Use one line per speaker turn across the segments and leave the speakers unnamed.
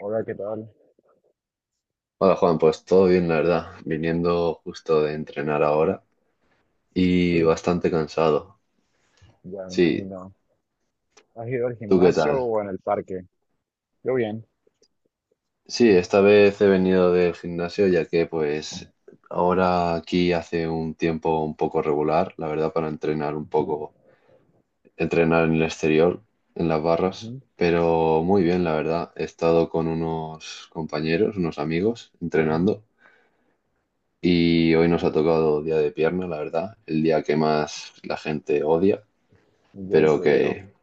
Hola, ¿qué tal?
Hola Juan, pues todo bien, la verdad, viniendo justo de entrenar ahora y
Sí,
bastante cansado.
ya me
Sí,
imagino. ¿Has ido al
¿tú qué
gimnasio
tal?
o en el parque? Yo bien.
Sí, esta vez he venido del gimnasio ya que pues ahora aquí hace un tiempo un poco regular, la verdad, para entrenar un
Ujú,
poco, entrenar en el exterior, en las barras,
ujú,
pero muy bien, la verdad. He estado con unos compañeros, unos amigos,
ujú.
entrenando. Y hoy nos ha tocado día de pierna, la verdad, el día que más la gente odia.
Yo
Pero
incluido.
que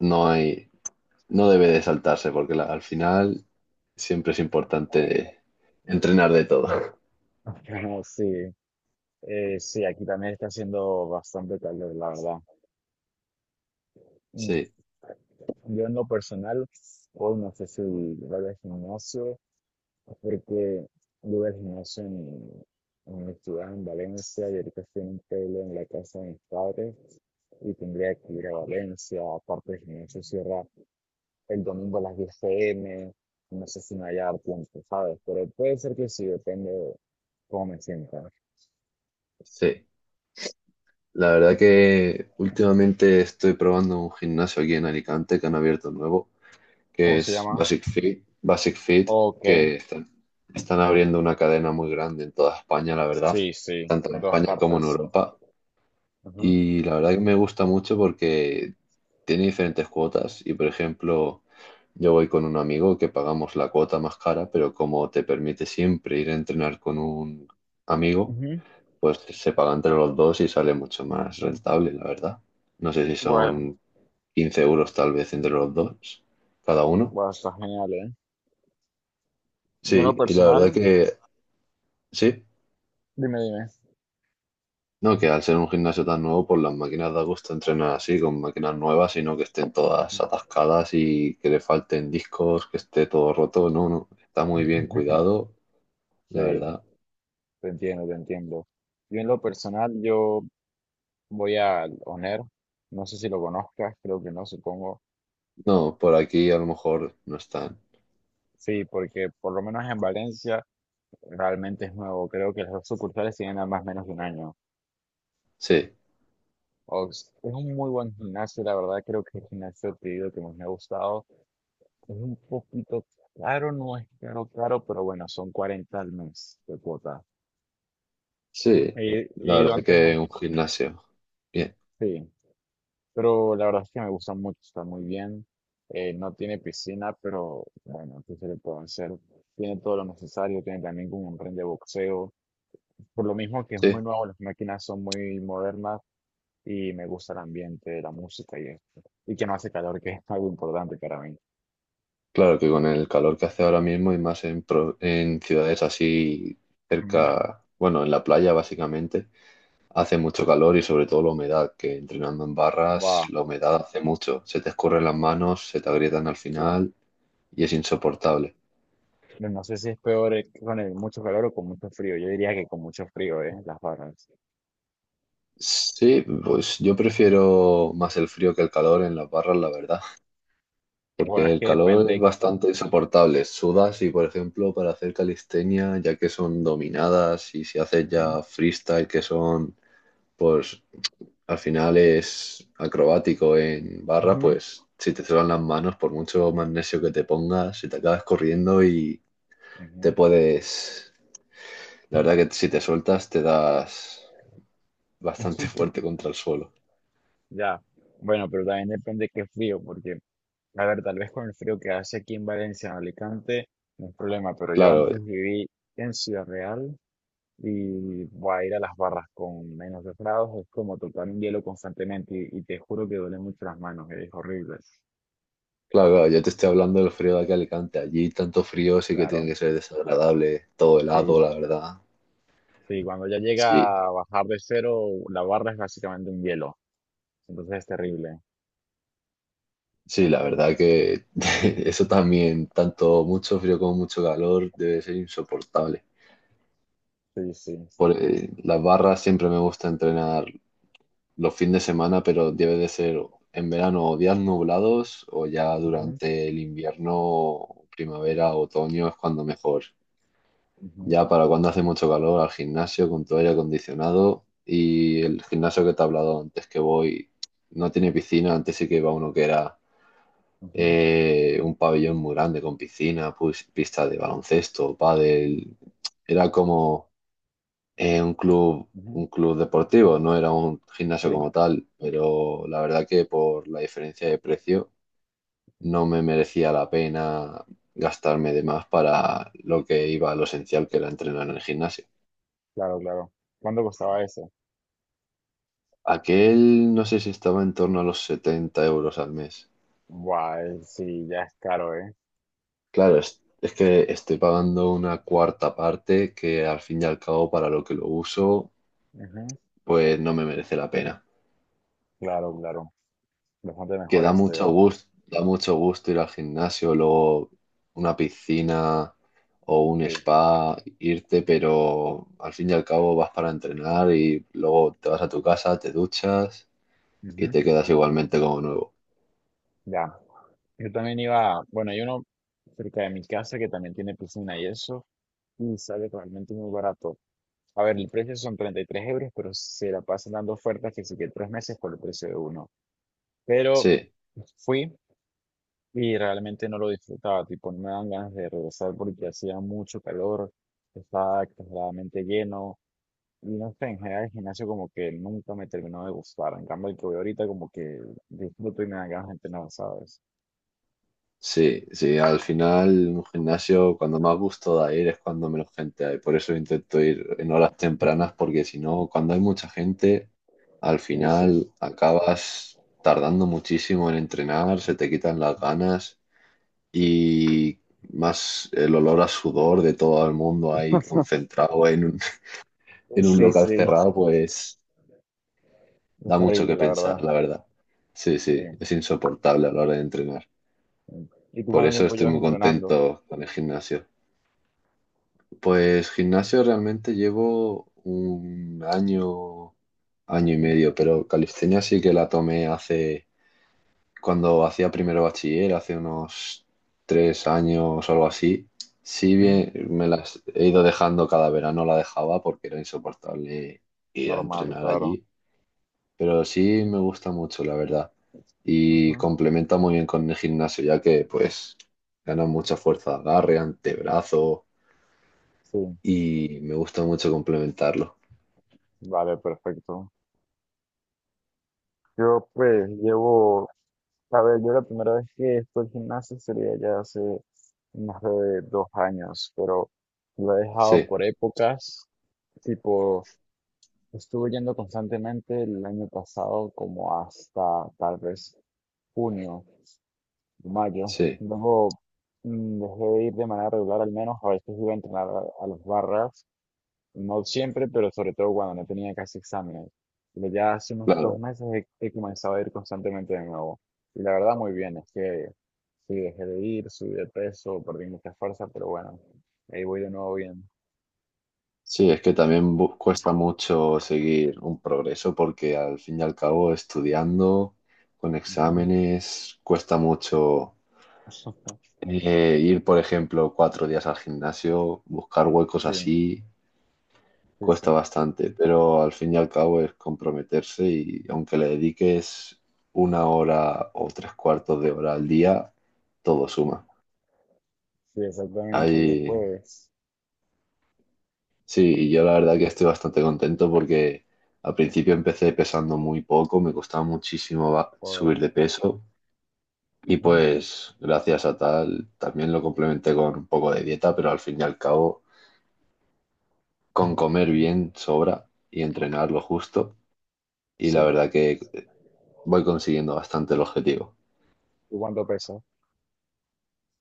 no hay, no debe de saltarse porque al final siempre es importante entrenar de todo.
Pero sí, sí, aquí también está haciendo bastante calor, la verdad. Mm.
Sí,
Yo en lo personal, hoy no sé si voy al gimnasio, porque yo voy al gimnasio en mi ciudad, en Valencia, y ahorita estoy en un pueblo en la casa de mis padres, y tendría que ir a Valencia, aparte el gimnasio cierra el domingo a las 10 p.m., no sé si me vaya a dar tiempo, ¿sabes? Pero puede ser que sí, depende de cómo me sienta.
sí. La verdad que últimamente estoy probando un gimnasio aquí en Alicante que han abierto nuevo, que
¿Cómo se
es
llama?
Basic Fit,
Ok.
que están abriendo una cadena muy grande en toda España, la verdad,
Sí, sí,
tanto en
en todas
España como en
partes.
Europa.
Ujú.
Y la verdad que me gusta mucho porque tiene diferentes cuotas y, por ejemplo, yo voy con un amigo que pagamos la cuota más cara, pero como te permite siempre ir a entrenar con un amigo,
Ujú.
pues se paga entre los dos y sale mucho más rentable, la verdad. No sé si
Bueno,
son 15 euros tal vez entre los dos, cada uno.
bueno, está genial, ¿eh? Yo en lo
Sí, y la verdad
personal,
que sí.
dime, dime.
No, que al ser un gimnasio tan nuevo, pues las máquinas da gusto entrenar así, con máquinas nuevas, sino que estén todas atascadas y que le falten discos, que esté todo roto. No, no, está muy bien cuidado, la
Sí,
verdad.
te entiendo, te entiendo. Yo en lo personal, yo voy al ONER, no sé si lo conozcas, creo que no, supongo.
No, por aquí a lo mejor no están.
Sí, porque por lo menos en Valencia realmente es nuevo, creo que las dos sucursales tienen ambas menos de un año.
Sí,
Ox, es un muy buen gimnasio, la verdad creo que el gimnasio que he ido que más me ha gustado es un poquito caro, no es caro, caro, pero bueno, son 40 euros al mes de cuota.
sí,
He,
la
he ido
verdad
antes,
que un gimnasio. Bien,
sí, pero la verdad es que me gusta mucho, está muy bien. No tiene piscina, pero bueno, ¿qué se le puede hacer? Tiene todo lo necesario, tiene también como un ring de boxeo. Por lo mismo que es muy
sí.
nuevo, las máquinas son muy modernas, y me gusta el ambiente, la música y esto. Y que no hace calor, que es algo importante para mí.
Claro que con el calor que hace ahora mismo y más en ciudades así
Mm.
cerca, bueno, en la playa básicamente hace mucho calor y sobre todo la humedad, que entrenando en barras
Wow,
la humedad hace mucho. Se te escurren las manos, se te agrietan al
qué bien.
final y es insoportable.
No sé si es peor con el mucho calor o con mucho frío. Yo diría que con mucho frío, ¿eh? Las barras.
Sí, pues yo prefiero más el frío que el calor en las barras, la verdad,
Bueno,
porque
es
el
que
calor es
depende.
bastante insoportable. Sudas y, por ejemplo, para hacer calistenia, ya que son dominadas y si haces
Ujú,
ya freestyle, que son, pues al final es acrobático en barra,
ujú,
pues si te suenan las manos, por mucho magnesio que te pongas, si te acabas corriendo y te
ujú.
puedes. La verdad que si te sueltas te das bastante fuerte contra el suelo.
Ya, bueno, pero también depende qué frío, porque, a ver, tal vez con el frío que hace aquí en Valencia, en Alicante, no es problema, pero yo
Claro,
antes viví en Ciudad Real y voy a ir a las barras con menos 2 grados, es como tocar un hielo constantemente y te juro que duele mucho las manos, es horrible.
claro, claro, yo te estoy hablando del frío de aquí a Alicante. Allí tanto frío sí que tiene
Claro,
que ser desagradable, todo helado,
sí,
la verdad.
sí, cuando ya
Sí,
llega a bajar de cero, la barra es básicamente un hielo, entonces es terrible.
sí, la verdad que eso también, tanto mucho frío como mucho calor, debe ser insoportable.
Sí, sí.
Por, las barras siempre me gusta entrenar los fines de semana, pero debe de ser en verano o días nublados o ya
Ujú,
durante el invierno, primavera, otoño es cuando mejor.
ujú,
Ya para cuando hace mucho calor al gimnasio con tu aire acondicionado y el gimnasio que te he hablado antes que voy no tiene piscina, antes sí que iba uno que era
ujú,
un pabellón muy grande con piscina, pues, pista de baloncesto, pádel, era como un club,
ujú.
un club deportivo, no era un gimnasio
Sí,
como tal, pero la verdad que por la diferencia de precio no me merecía la pena gastarme de más para lo que iba a lo esencial que era entrenar en el gimnasio.
claro, claro. ¿Cuánto costaba eso?
Aquel no sé si estaba en torno a los 70 euros al mes.
Guay, sí, ya es caro, ¿eh?
Claro, es que estoy pagando una cuarta parte que al fin y al cabo para lo que lo uso,
Ujú,
pues no me merece la pena.
claro, claro. Bastante
Que
mejor este,
da mucho gusto ir al gimnasio, luego una piscina o un
sí.
spa, irte, pero al fin y al cabo vas para entrenar y luego te vas a tu casa, te duchas y
Ujú,
te quedas igualmente como nuevo.
ya. Yo también iba, bueno, hay uno cerca de mi casa que también tiene piscina y eso, y sale realmente muy barato. A ver, el precio son 33 euros, pero se la pasan dando ofertas que sí que tres meses por el precio de uno. Pero
Sí,
fui y realmente no lo disfrutaba, tipo, no me dan ganas de regresar porque hacía mucho calor, estaba exageradamente lleno, y no sé, en general el gimnasio como que nunca me terminó de gustar. En cambio, el que voy ahorita como que disfruto y me dan ganas de entrenar, ¿sabes?
sí, sí, al final un gimnasio cuando más gusto da ir es cuando menos gente hay. Por eso intento ir en horas tempranas porque si no, cuando hay mucha gente, al
Sí, sí.
final acabas tardando muchísimo en entrenar, se te quitan las ganas y más el olor a sudor de todo el mundo ahí concentrado en un, en un
Sí,
local
sí.
cerrado, pues
Es
da mucho
terrible,
que
la verdad.
pensar, la verdad. Sí, sí,
Sí.
es insoportable a la hora de entrenar.
Sí. ¿Y tú
Por
cuánto
eso
tiempo
estoy
llevas
muy
entrenando?
contento con el gimnasio. Pues gimnasio realmente llevo un año, año y
Ujú,
medio, pero calistenia sí que la tomé hace, cuando hacía primero bachiller, hace unos 3 años o algo así. Sí
ujú,
bien, me las he ido dejando cada verano, la dejaba porque era insoportable ir a
normal,
entrenar
claro.
allí, pero sí me gusta mucho, la verdad. Y
Ujú,
complementa muy bien con el gimnasio, ya que pues ganan mucha fuerza, de agarre, antebrazo,
sí,
y me gusta mucho complementarlo.
vale, perfecto. Yo pues llevo, a ver, yo la primera vez que estoy al gimnasio sería ya hace más de 2 años, pero lo he dejado
Sí,
por épocas. Tipo, estuve yendo constantemente el año pasado como hasta tal vez junio. Mayo,
sí,
luego dejé de ir de manera regular al menos, a veces iba a entrenar a las barras, no siempre, pero sobre todo cuando no tenía casi exámenes. Pero ya hace unos dos
claro.
meses he comenzado a ir constantemente de nuevo. Y la verdad muy bien, es que sí, dejé de ir, subí de peso, perdí mucha fuerza, pero bueno, ahí voy de nuevo bien.
Sí, es que también cuesta mucho seguir un progreso porque al fin y al cabo estudiando con
Ujú.
exámenes cuesta mucho ir, por ejemplo, 4 días al gimnasio, buscar huecos
Sí,
así,
sí,
cuesta
sí,
bastante, pero al fin y al cabo es comprometerse y aunque le dediques una hora o tres cuartos de hora al día, todo
sí,
suma.
sí, exactamente, yo
Hay,
pues,
sí, y yo la verdad que estoy bastante contento porque al principio empecé pesando muy poco, me costaba muchísimo
por...
subir de peso y
ujú,
pues gracias a tal también lo complementé con un poco de dieta, pero al fin y al cabo con comer
ujú,
bien sobra y entrenar lo justo y
sí,
la verdad que voy consiguiendo bastante el objetivo.
¿y cuánto peso?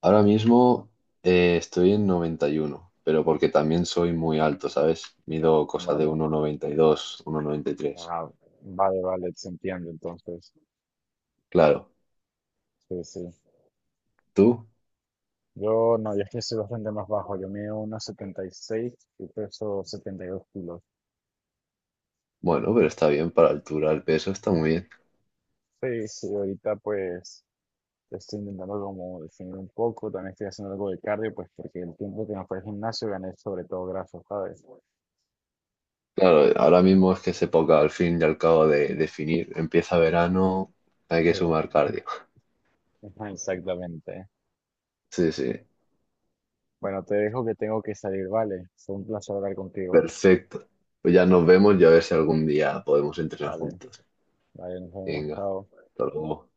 Ahora mismo estoy en 91, pero porque también soy muy alto, ¿sabes? Mido cosa de
Vale.
uno noventa noventa y dos, uno noventa y tres.
Ah, vale, vale, se entiende entonces.
Claro,
Sí, sí.
¿tú?
Yo no, yo es que soy bastante más bajo. Yo mido unos 1,76 y peso 72 kilos.
Bueno, pero está bien para altura, el peso está muy bien.
Sí, sí, ahorita pues estoy intentando como definir un poco. También estoy haciendo algo de cardio, pues porque el tiempo que me fue al gimnasio gané sobre todo grasa, ¿sabes?
Claro, ahora mismo es que es época al fin y al cabo de definir. Empieza verano, hay que
Sí,
sumar cardio.
ajá, exactamente.
Sí, sí,
Bueno, te dejo que tengo que salir, ¿vale? Fue un placer hablar contigo.
perfecto. Pues ya nos vemos y a ver si algún día podemos entrenar
Vale,
juntos.
vale, nos vemos,
Venga,
chao.
hasta luego.